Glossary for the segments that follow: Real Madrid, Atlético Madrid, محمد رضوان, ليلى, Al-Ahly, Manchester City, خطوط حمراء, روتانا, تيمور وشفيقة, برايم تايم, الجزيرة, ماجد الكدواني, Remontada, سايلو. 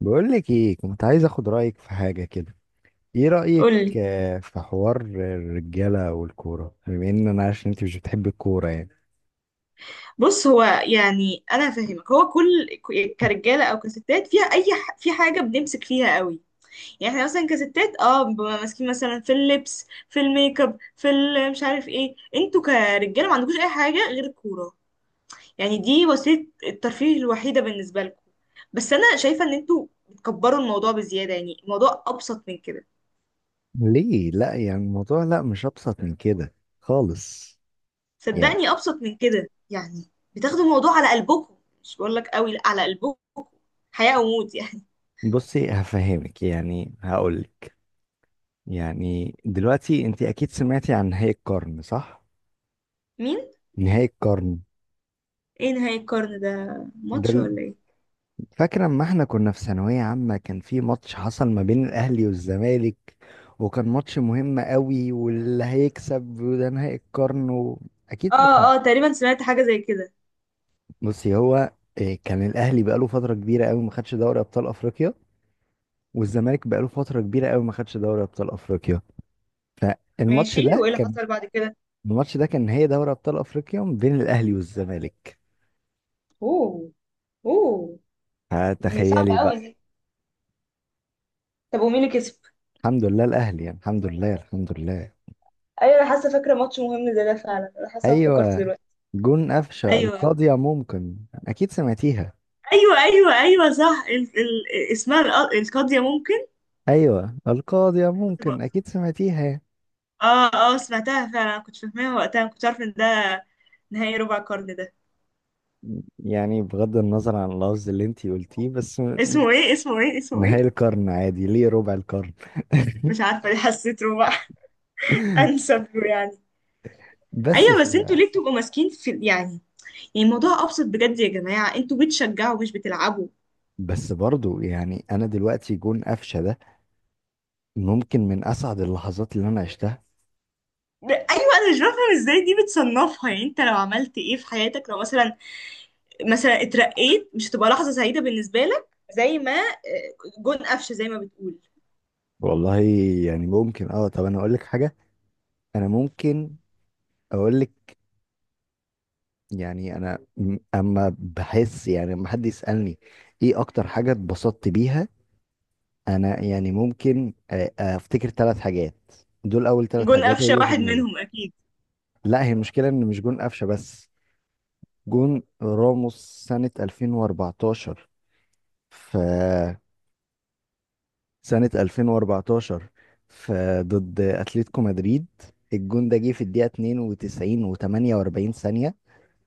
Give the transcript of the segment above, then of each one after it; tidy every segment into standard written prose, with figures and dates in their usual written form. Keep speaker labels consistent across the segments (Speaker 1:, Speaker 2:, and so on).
Speaker 1: بقول لك ايه، كنت عايز اخد رايك في حاجه كده. ايه رايك؟
Speaker 2: قولي.
Speaker 1: في حوار الرجاله والكوره، بما ان انا عارف ان انت مش بتحب الكوره يعني.
Speaker 2: بص، هو يعني انا هفهمك. هو كل كرجاله او كستات فيها في حاجه بنمسك فيها قوي. يعني احنا مثلا كستات بنبقى ماسكين مثلا في اللبس، في الميك اب، مش عارف ايه. انتوا كرجاله ما عندكوش اي حاجه غير الكوره. يعني دي وسيله الترفيه الوحيده بالنسبه لكم. بس انا شايفه ان انتوا بتكبروا الموضوع بزياده. يعني الموضوع ابسط من كده.
Speaker 1: ليه لا؟ يعني الموضوع، لا مش ابسط من كده خالص. يعني
Speaker 2: صدقني ابسط من كده يعني. بتاخدوا الموضوع على قلبكم. مش بقول لك قوي، لا، على قلبكم. حياه وموت يعني.
Speaker 1: بصي هفهمك يعني هقولك، يعني دلوقتي انت اكيد سمعتي عن نهائي القرن صح؟
Speaker 2: مين؟
Speaker 1: نهائي القرن
Speaker 2: ايه نهاية القرن ده؟
Speaker 1: ده.
Speaker 2: ماتش ولا ايه؟
Speaker 1: فاكر اما احنا كنا في ثانوية عامة، كان في ماتش حصل ما بين الاهلي والزمالك، وكان ماتش مهم قوي، واللي هيكسب وده نهائي القرن و... اكيد فاكرة.
Speaker 2: اه اه، تقريبا سمعت حاجة زي كده.
Speaker 1: بصي هو إيه، كان الاهلي بقاله فترة كبيرة قوي ما خدش دوري ابطال افريقيا، والزمالك بقاله فترة كبيرة قوي ما خدش دوري ابطال افريقيا. الماتش
Speaker 2: ماشي،
Speaker 1: ده
Speaker 2: وايه اللي
Speaker 1: كان
Speaker 2: حصل بعد كده؟
Speaker 1: الماتش ده كان نهائي دوري ابطال افريقيا ما بين الاهلي والزمالك.
Speaker 2: اوه. اوه. دي صعبة
Speaker 1: فتخيلي
Speaker 2: قوي
Speaker 1: بقى.
Speaker 2: دي. طب ومين اللي كسب؟
Speaker 1: الحمد لله الاهلي، يعني الحمد لله الحمد لله.
Speaker 2: ايوه، انا حاسة، فاكرة ماتش مهم زي ده فعلا، انا حاسة افتكرت
Speaker 1: ايوه
Speaker 2: دلوقتي.
Speaker 1: جون قفشة
Speaker 2: ايوه
Speaker 1: القاضية ممكن، أكيد سمعتيها.
Speaker 2: ايوه ايوه ايوه، صح. اسمها القاضية ممكن.
Speaker 1: أيوة القاضية
Speaker 2: كنت بق...
Speaker 1: ممكن، أكيد سمعتيها.
Speaker 2: اه اه، سمعتها فعلا، كنت فاهماها وقتها، ما كنتش عارفة ان ده نهاية ربع القرن ده.
Speaker 1: يعني بغض النظر عن اللفظ اللي انتي قلتيه بس م-
Speaker 2: اسمه ايه؟ اسمه ايه؟ اسمه ايه؟
Speaker 1: نهاية القرن عادي، ليه ربع القرن؟
Speaker 2: مش عارفة ليه حسيت ربع. انسب له يعني.
Speaker 1: بس
Speaker 2: ايوه،
Speaker 1: ف...
Speaker 2: بس انتوا ليه بتبقوا ماسكين في يعني؟ يعني الموضوع ابسط بجد يا جماعه. انتوا بتشجعوا مش بتلعبوا.
Speaker 1: بس برضو يعني أنا دلوقتي جون قفشة ده ممكن من أسعد اللحظات اللي أنا عشتها.
Speaker 2: ايوه، انا مش بفهم ازاي دي بتصنفها. يعني انت لو عملت ايه في حياتك، لو مثلا مثلا اترقيت، مش هتبقى لحظه سعيده بالنسبه لك زي ما جون قفشه زي ما بتقول؟
Speaker 1: والله يعني ممكن اه، طب أنا أقول لك حاجة، أنا ممكن أقول لك. يعني انا م- اما بحس يعني لما حد يسالني ايه اكتر حاجه اتبسطت بيها، انا يعني ممكن افتكر ثلاث حاجات. دول اول ثلاث
Speaker 2: جون
Speaker 1: حاجات
Speaker 2: قفشه
Speaker 1: هيجوا في
Speaker 2: واحد
Speaker 1: دماغي.
Speaker 2: منهم اكيد؟
Speaker 1: لا هي المشكله ان مش جون قفشه بس. جون راموس سنه 2014 ف سنه 2014، ف ضد اتلتيكو مدريد. الجون ده جه في الدقيقه 92 و48 ثانيه.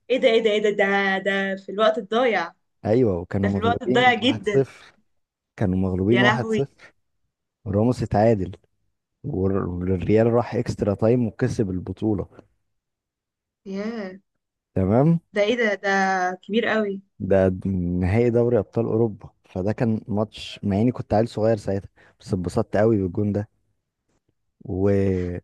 Speaker 2: ايه ده؟ ايه ده؟ ايه ده؟ ده ده في الوقت الضايع؟
Speaker 1: ايوه
Speaker 2: ده
Speaker 1: وكانوا
Speaker 2: في الوقت
Speaker 1: مغلوبين
Speaker 2: الضايع جدا.
Speaker 1: 1-0 كانوا مغلوبين
Speaker 2: يا لهوي.
Speaker 1: 1-0. راموس اتعادل، والريال راح اكسترا تايم وكسب البطولة.
Speaker 2: ياه،
Speaker 1: تمام.
Speaker 2: ده ايه ده؟ ده كبير قوي.
Speaker 1: ده نهائي دوري ابطال اوروبا، فده كان ماتش مع اني كنت عيل صغير ساعتها، بس اتبسطت قوي بالجون ده. و...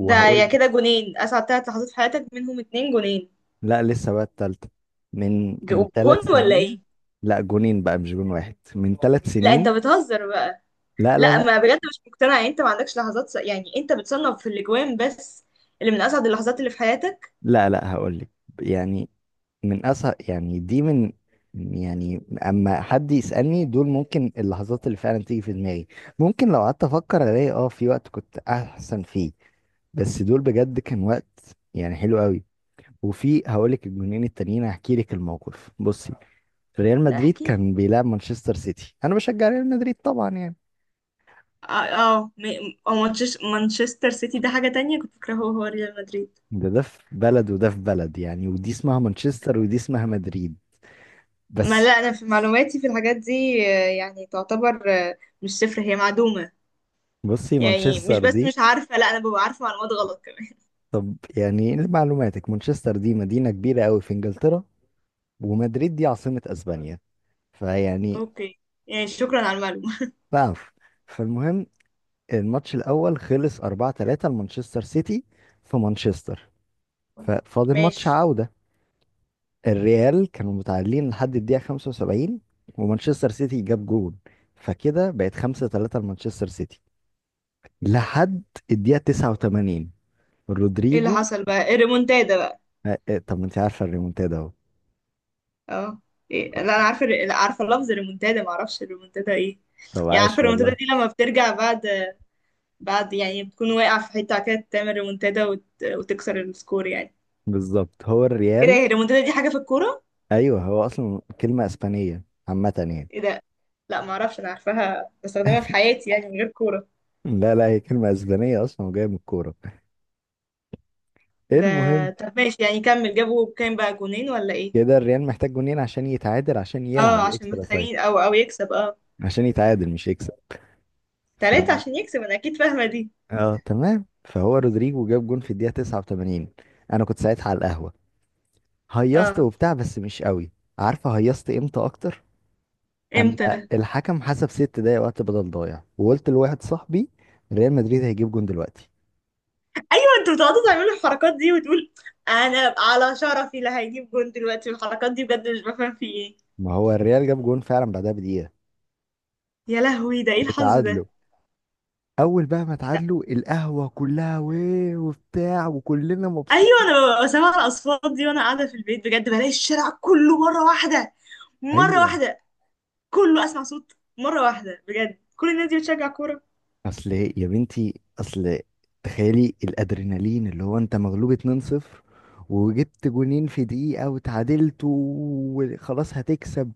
Speaker 2: ده يا كده جونين. اسعد ثلاث لحظات في حياتك منهم اتنين جونين؟
Speaker 1: لا لسه بقى التالتة من
Speaker 2: ج- جون
Speaker 1: ثلاث
Speaker 2: ولا
Speaker 1: سنين.
Speaker 2: ايه؟
Speaker 1: لا جونين بقى مش جون واحد، من ثلاث
Speaker 2: لا، انت
Speaker 1: سنين.
Speaker 2: بتهزر بقى.
Speaker 1: لا لا
Speaker 2: لا،
Speaker 1: لا
Speaker 2: ما بجد مش مقتنعه. يعني انت ما عندكش لحظات يعني انت بتصنف في الاجوان بس اللي من اسعد اللحظات اللي في حياتك؟
Speaker 1: لا هقول لك، يعني من أسهل، يعني دي من، يعني اما حد يسألني، دول ممكن اللحظات اللي فعلا تيجي في دماغي. ممكن لو قعدت افكر الاقي اه في وقت كنت احسن فيه، بس دول بجد كان وقت يعني حلو قوي. وفي هقولك الجونين التانيين، هحكي لك الموقف. بصي، ريال
Speaker 2: لا،
Speaker 1: مدريد
Speaker 2: احكي.
Speaker 1: كان بيلعب مانشستر سيتي، انا بشجع ريال مدريد طبعا يعني.
Speaker 2: اه. اه، أو مانشستر سيتي ده حاجه تانية، كنت فاكره هو هو ريال مدريد.
Speaker 1: ده في بلد وده في بلد يعني، ودي اسمها مانشستر ودي اسمها مدريد.
Speaker 2: ما لا،
Speaker 1: بس
Speaker 2: انا في معلوماتي في الحاجات دي يعني تعتبر مش صفر، هي معدومه.
Speaker 1: بصي
Speaker 2: يعني مش
Speaker 1: مانشستر
Speaker 2: بس
Speaker 1: دي،
Speaker 2: مش عارفه، لا انا ببقى عارفه معلومات غلط كمان.
Speaker 1: طب يعني لمعلوماتك مانشستر دي مدينة كبيرة قوي في انجلترا، ومدريد دي عاصمة اسبانيا. فيعني
Speaker 2: اوكي. يعني شكرا على المعلومه.
Speaker 1: بقف. فالمهم، الماتش الاول خلص 4-3 لمانشستر سيتي في مانشستر. ففاضل ماتش
Speaker 2: ماشي.
Speaker 1: عودة. الريال كانوا متعادلين لحد الدقيقة 75، ومانشستر سيتي جاب جول، فكده بقت 5-3 لمانشستر سيتي. لحد الدقيقة 89،
Speaker 2: ايه اللي
Speaker 1: رودريجو.
Speaker 2: حصل بقى؟ الريمونتادا بقى؟
Speaker 1: طب ما انت عارفة الريمونتادا اهو.
Speaker 2: اه. إيه. لا، انا عارفه لا، عارفه لفظ الريمونتادا، ما اعرفش الريمونتادا ايه.
Speaker 1: طب
Speaker 2: يعني عارفه
Speaker 1: عاش
Speaker 2: الريمونتادا
Speaker 1: والله.
Speaker 2: دي لما بترجع بعد بعد يعني، بتكون واقع في حته كده تعمل ريمونتادا وتكسر السكور يعني.
Speaker 1: بالظبط هو
Speaker 2: ايه ده؟
Speaker 1: الريال.
Speaker 2: هي الريمونتادا دي حاجه في الكوره؟
Speaker 1: ايوه هو اصلا كلمه اسبانيه عامه يعني.
Speaker 2: ايه ده. لا ما اعرفش، انا عارفاها بستخدمها في حياتي يعني من غير كوره.
Speaker 1: لا هي كلمه اسبانيه اصلا وجايه من الكوره.
Speaker 2: ده.
Speaker 1: المهم،
Speaker 2: طب ماشي يعني كمل. جابوا كام بقى؟ جونين ولا ايه؟
Speaker 1: كده الريال محتاج جونين عشان يتعادل، عشان
Speaker 2: اه،
Speaker 1: يلعب
Speaker 2: عشان
Speaker 1: اكسترا تايم.
Speaker 2: محتاجين او او يكسب، اه.
Speaker 1: عشان يتعادل مش يكسب. ف...
Speaker 2: تلاتة عشان يكسب، انا اكيد فاهمه دي.
Speaker 1: اه تمام. فهو رودريجو جاب جون في الدقيقه 89. انا كنت ساعتها على القهوه، هيصت
Speaker 2: اه.
Speaker 1: وبتاع بس مش قوي. عارفه هيصت امتى اكتر؟ اما
Speaker 2: امتى؟
Speaker 1: الحكم حسب ست دقايق وقت بدل ضايع، وقلت لواحد صاحبي ريال مدريد هيجيب جون دلوقتي.
Speaker 2: ايوه، انتوا بتقعدوا تعملوا الحركات دي وتقول انا على شرفي لا، هيجيب جون دلوقتي. الحركات دي بجد مش بفهم في ايه.
Speaker 1: ما هو الريال جاب جون فعلا بعدها بدقيقه
Speaker 2: يا لهوي، ده ايه الحظ
Speaker 1: وتعادلوا.
Speaker 2: ده؟
Speaker 1: اول بقى ما
Speaker 2: لا.
Speaker 1: اتعادلوا القهوه كلها ويه وبتاع وكلنا مبسوط.
Speaker 2: ايوه، انا ببقى سامعه الاصوات دي وانا قاعده في البيت بجد، بلاقي الشارع كله مره واحده، مره
Speaker 1: ايوه
Speaker 2: واحده، كله اسمع صوت مره واحده بجد، كل الناس دي بتشجع كوره.
Speaker 1: اصل يا بنتي اصل، تخيلي الادرينالين اللي هو انت مغلوب 2-0، وجبت جونين في دقيقه وتعادلت وخلاص هتكسب.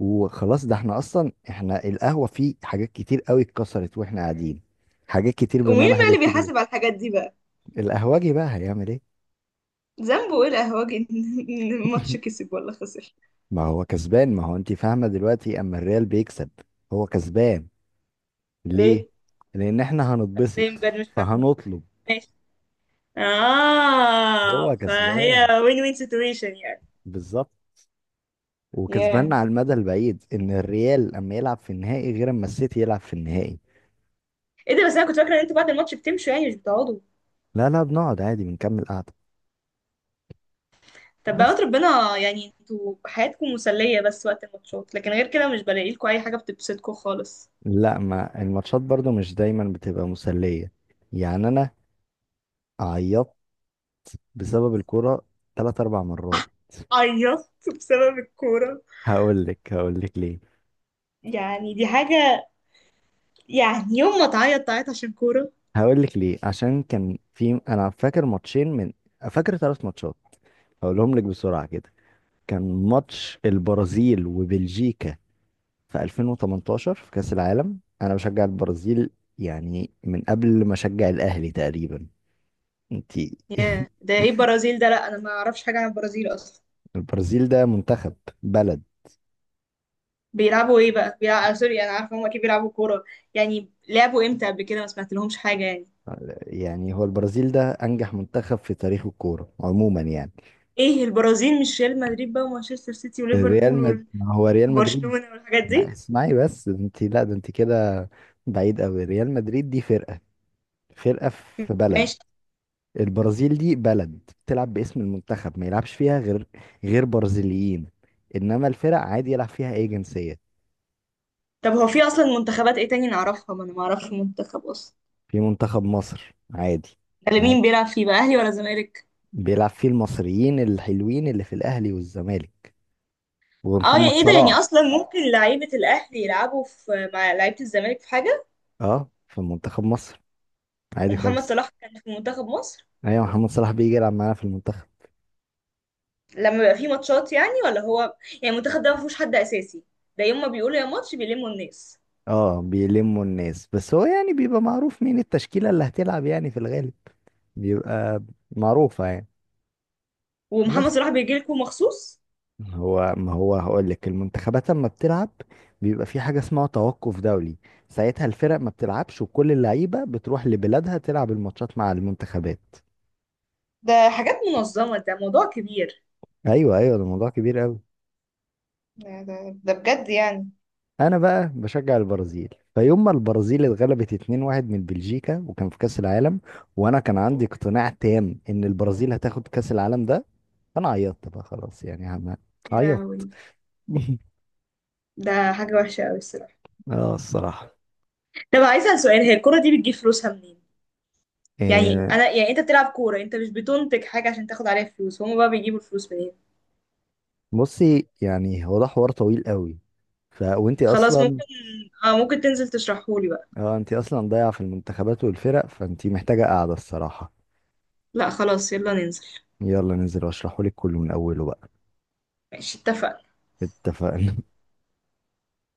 Speaker 1: وخلاص ده احنا اصلا، احنا القهوه فيه حاجات كتير قوي اتكسرت واحنا قاعدين. حاجات كتير
Speaker 2: ومين
Speaker 1: بمعنى
Speaker 2: بقى
Speaker 1: حاجات
Speaker 2: اللي
Speaker 1: كتير.
Speaker 2: بيحاسب على الحاجات دي بقى؟
Speaker 1: القهوجي بقى هيعمل ايه؟
Speaker 2: ذنبه ايه الاهواج؟ ان إن الماتش كسب ولا خسر؟
Speaker 1: ما هو كسبان، ما هو انت فاهمه دلوقتي اما الريال بيكسب هو كسبان. ليه؟
Speaker 2: ليه؟
Speaker 1: لأن إحنا هنتبسط،
Speaker 2: ليه بجد مش فاهمه.
Speaker 1: فهنطلب.
Speaker 2: ماشي. اه،
Speaker 1: هو
Speaker 2: فهي
Speaker 1: كسبان
Speaker 2: وين وين سيتويشن يعني.
Speaker 1: بالظبط، وكسبان
Speaker 2: ياه.
Speaker 1: على المدى البعيد، إن الريال أما يلعب في النهائي غير أما السيتي يلعب في النهائي.
Speaker 2: ايه ده؟ بس انا كنت فاكره ان انتوا بعد الماتش بتمشوا يعني، مش بتقعدوا.
Speaker 1: لا بنقعد عادي بنكمل قعدة.
Speaker 2: طب بقى،
Speaker 1: بس
Speaker 2: ربنا. يعني انتوا حياتكم مسليه بس وقت الماتشات، لكن غير كده مش بلاقي لكم اي حاجه بتبسطكم خالص.
Speaker 1: لا، ما الماتشات برضو مش دايما بتبقى مسلية. يعني أنا عيطت بسبب الكورة تلات أربع مرات.
Speaker 2: عيطت بسبب الكوره؟
Speaker 1: هقول لك ليه.
Speaker 2: يعني دي حاجه. يعني يوم ما تعيط، تعيط عشان كوره؟
Speaker 1: هقول لك ليه، عشان كان في، أنا فاكر ماتشين من فاكر ثلاث ماتشات، هقولهم لك بسرعة كده. كان ماتش البرازيل وبلجيكا في 2018 في كأس العالم، انا بشجع البرازيل يعني من قبل ما اشجع الاهلي تقريبا. انتي
Speaker 2: ياه، ده ايه البرازيل ده؟ لا انا ما اعرفش حاجه عن البرازيل اصلا.
Speaker 1: البرازيل ده منتخب، بلد.
Speaker 2: بيلعبوا ايه بقى؟ بيلعبوا سوري، انا عارفه هم اكيد بيلعبوا كوره. يعني لعبوا امتى قبل كده؟ ما سمعت لهمش حاجه يعني.
Speaker 1: يعني هو البرازيل ده انجح منتخب في تاريخ الكورة عموما يعني.
Speaker 2: ايه البرازيل مش ريال مدريد بقى ومانشستر سيتي
Speaker 1: الريال مد...
Speaker 2: وليفربول
Speaker 1: ما هو ريال مدريد،
Speaker 2: وبرشلونه والحاجات
Speaker 1: ما
Speaker 2: دي؟
Speaker 1: اسمعي بس انت، لا ده انت كده بعيد قوي. ريال مدريد دي فرقة، فرقة في بلد.
Speaker 2: ماشي.
Speaker 1: البرازيل دي بلد، بتلعب باسم المنتخب، ما يلعبش فيها غير برازيليين، انما الفرق عادي يلعب فيها اي جنسية.
Speaker 2: طب هو في اصلا منتخبات ايه تاني نعرفها؟ ما انا ما اعرفش منتخب اصلا.
Speaker 1: في منتخب مصر عادي.
Speaker 2: ده اللي
Speaker 1: عادي
Speaker 2: مين بيلعب فيه بقى؟ اهلي ولا زمالك؟
Speaker 1: بيلعب فيه المصريين الحلوين اللي في الاهلي والزمالك
Speaker 2: اه،
Speaker 1: ومحمد
Speaker 2: يعني ايه ده؟ يعني
Speaker 1: صلاح.
Speaker 2: اصلا ممكن لعيبه الاهلي يلعبوا في مع لعيبه الزمالك في حاجه؟
Speaker 1: اه في منتخب مصر عادي
Speaker 2: ومحمد
Speaker 1: خالص.
Speaker 2: صلاح كان في منتخب مصر؟
Speaker 1: ايوه محمد صلاح بيجي يلعب معانا في المنتخب.
Speaker 2: لما بيبقى فيه ماتشات يعني، ولا هو يعني المنتخب ده ما فيهوش حد اساسي؟ ده يوم ما بيقولوا يا ماتش بيلموا الناس.
Speaker 1: اه بيلموا الناس، بس هو يعني بيبقى معروف مين التشكيلة اللي هتلعب يعني في الغالب، بيبقى معروفة يعني.
Speaker 2: ومحمد
Speaker 1: بس
Speaker 2: صلاح بيجي لكم مخصوص؟
Speaker 1: هو ما هو هقول لك، المنتخبات لما بتلعب بيبقى في حاجة اسمها توقف دولي. ساعتها الفرق ما بتلعبش، وكل اللعيبة بتروح لبلادها تلعب الماتشات مع المنتخبات.
Speaker 2: ده حاجات منظمه، ده موضوع كبير.
Speaker 1: ايوه ده موضوع كبير قوي.
Speaker 2: ده, ده, ده بجد يعني.
Speaker 1: انا بقى بشجع البرازيل، فيوم ما البرازيل اتغلبت 2-1 من بلجيكا وكان في كأس العالم، وانا كان عندي اقتناع تام ان البرازيل هتاخد كأس العالم ده، انا عيطت بقى خلاص يعني عم-
Speaker 2: يا
Speaker 1: عيطت.
Speaker 2: لهوي، ده حاجه وحشه قوي الصراحه.
Speaker 1: اه الصراحة.
Speaker 2: طب عايزه اسال سؤال، هي الكره دي بتجيب فلوسها منين؟ يعني انا يعني انت بتلعب كوره، انت مش بتنتج حاجه عشان تاخد عليها فلوس، هما بقى بيجيبوا الفلوس منين؟
Speaker 1: بصي يعني هو ده حوار طويل قوي، ف وانتي
Speaker 2: خلاص ممكن.
Speaker 1: اصلا،
Speaker 2: اه ممكن تنزل تشرحهولي بقى.
Speaker 1: اه انتي اصلا ضايعه في المنتخبات والفرق، فانتي محتاجه قاعده الصراحه.
Speaker 2: لا خلاص، يلا ننزل.
Speaker 1: يلا ننزل واشرحهولك كله من اوله بقى.
Speaker 2: ماشي، اتفقنا.
Speaker 1: اتفقنا.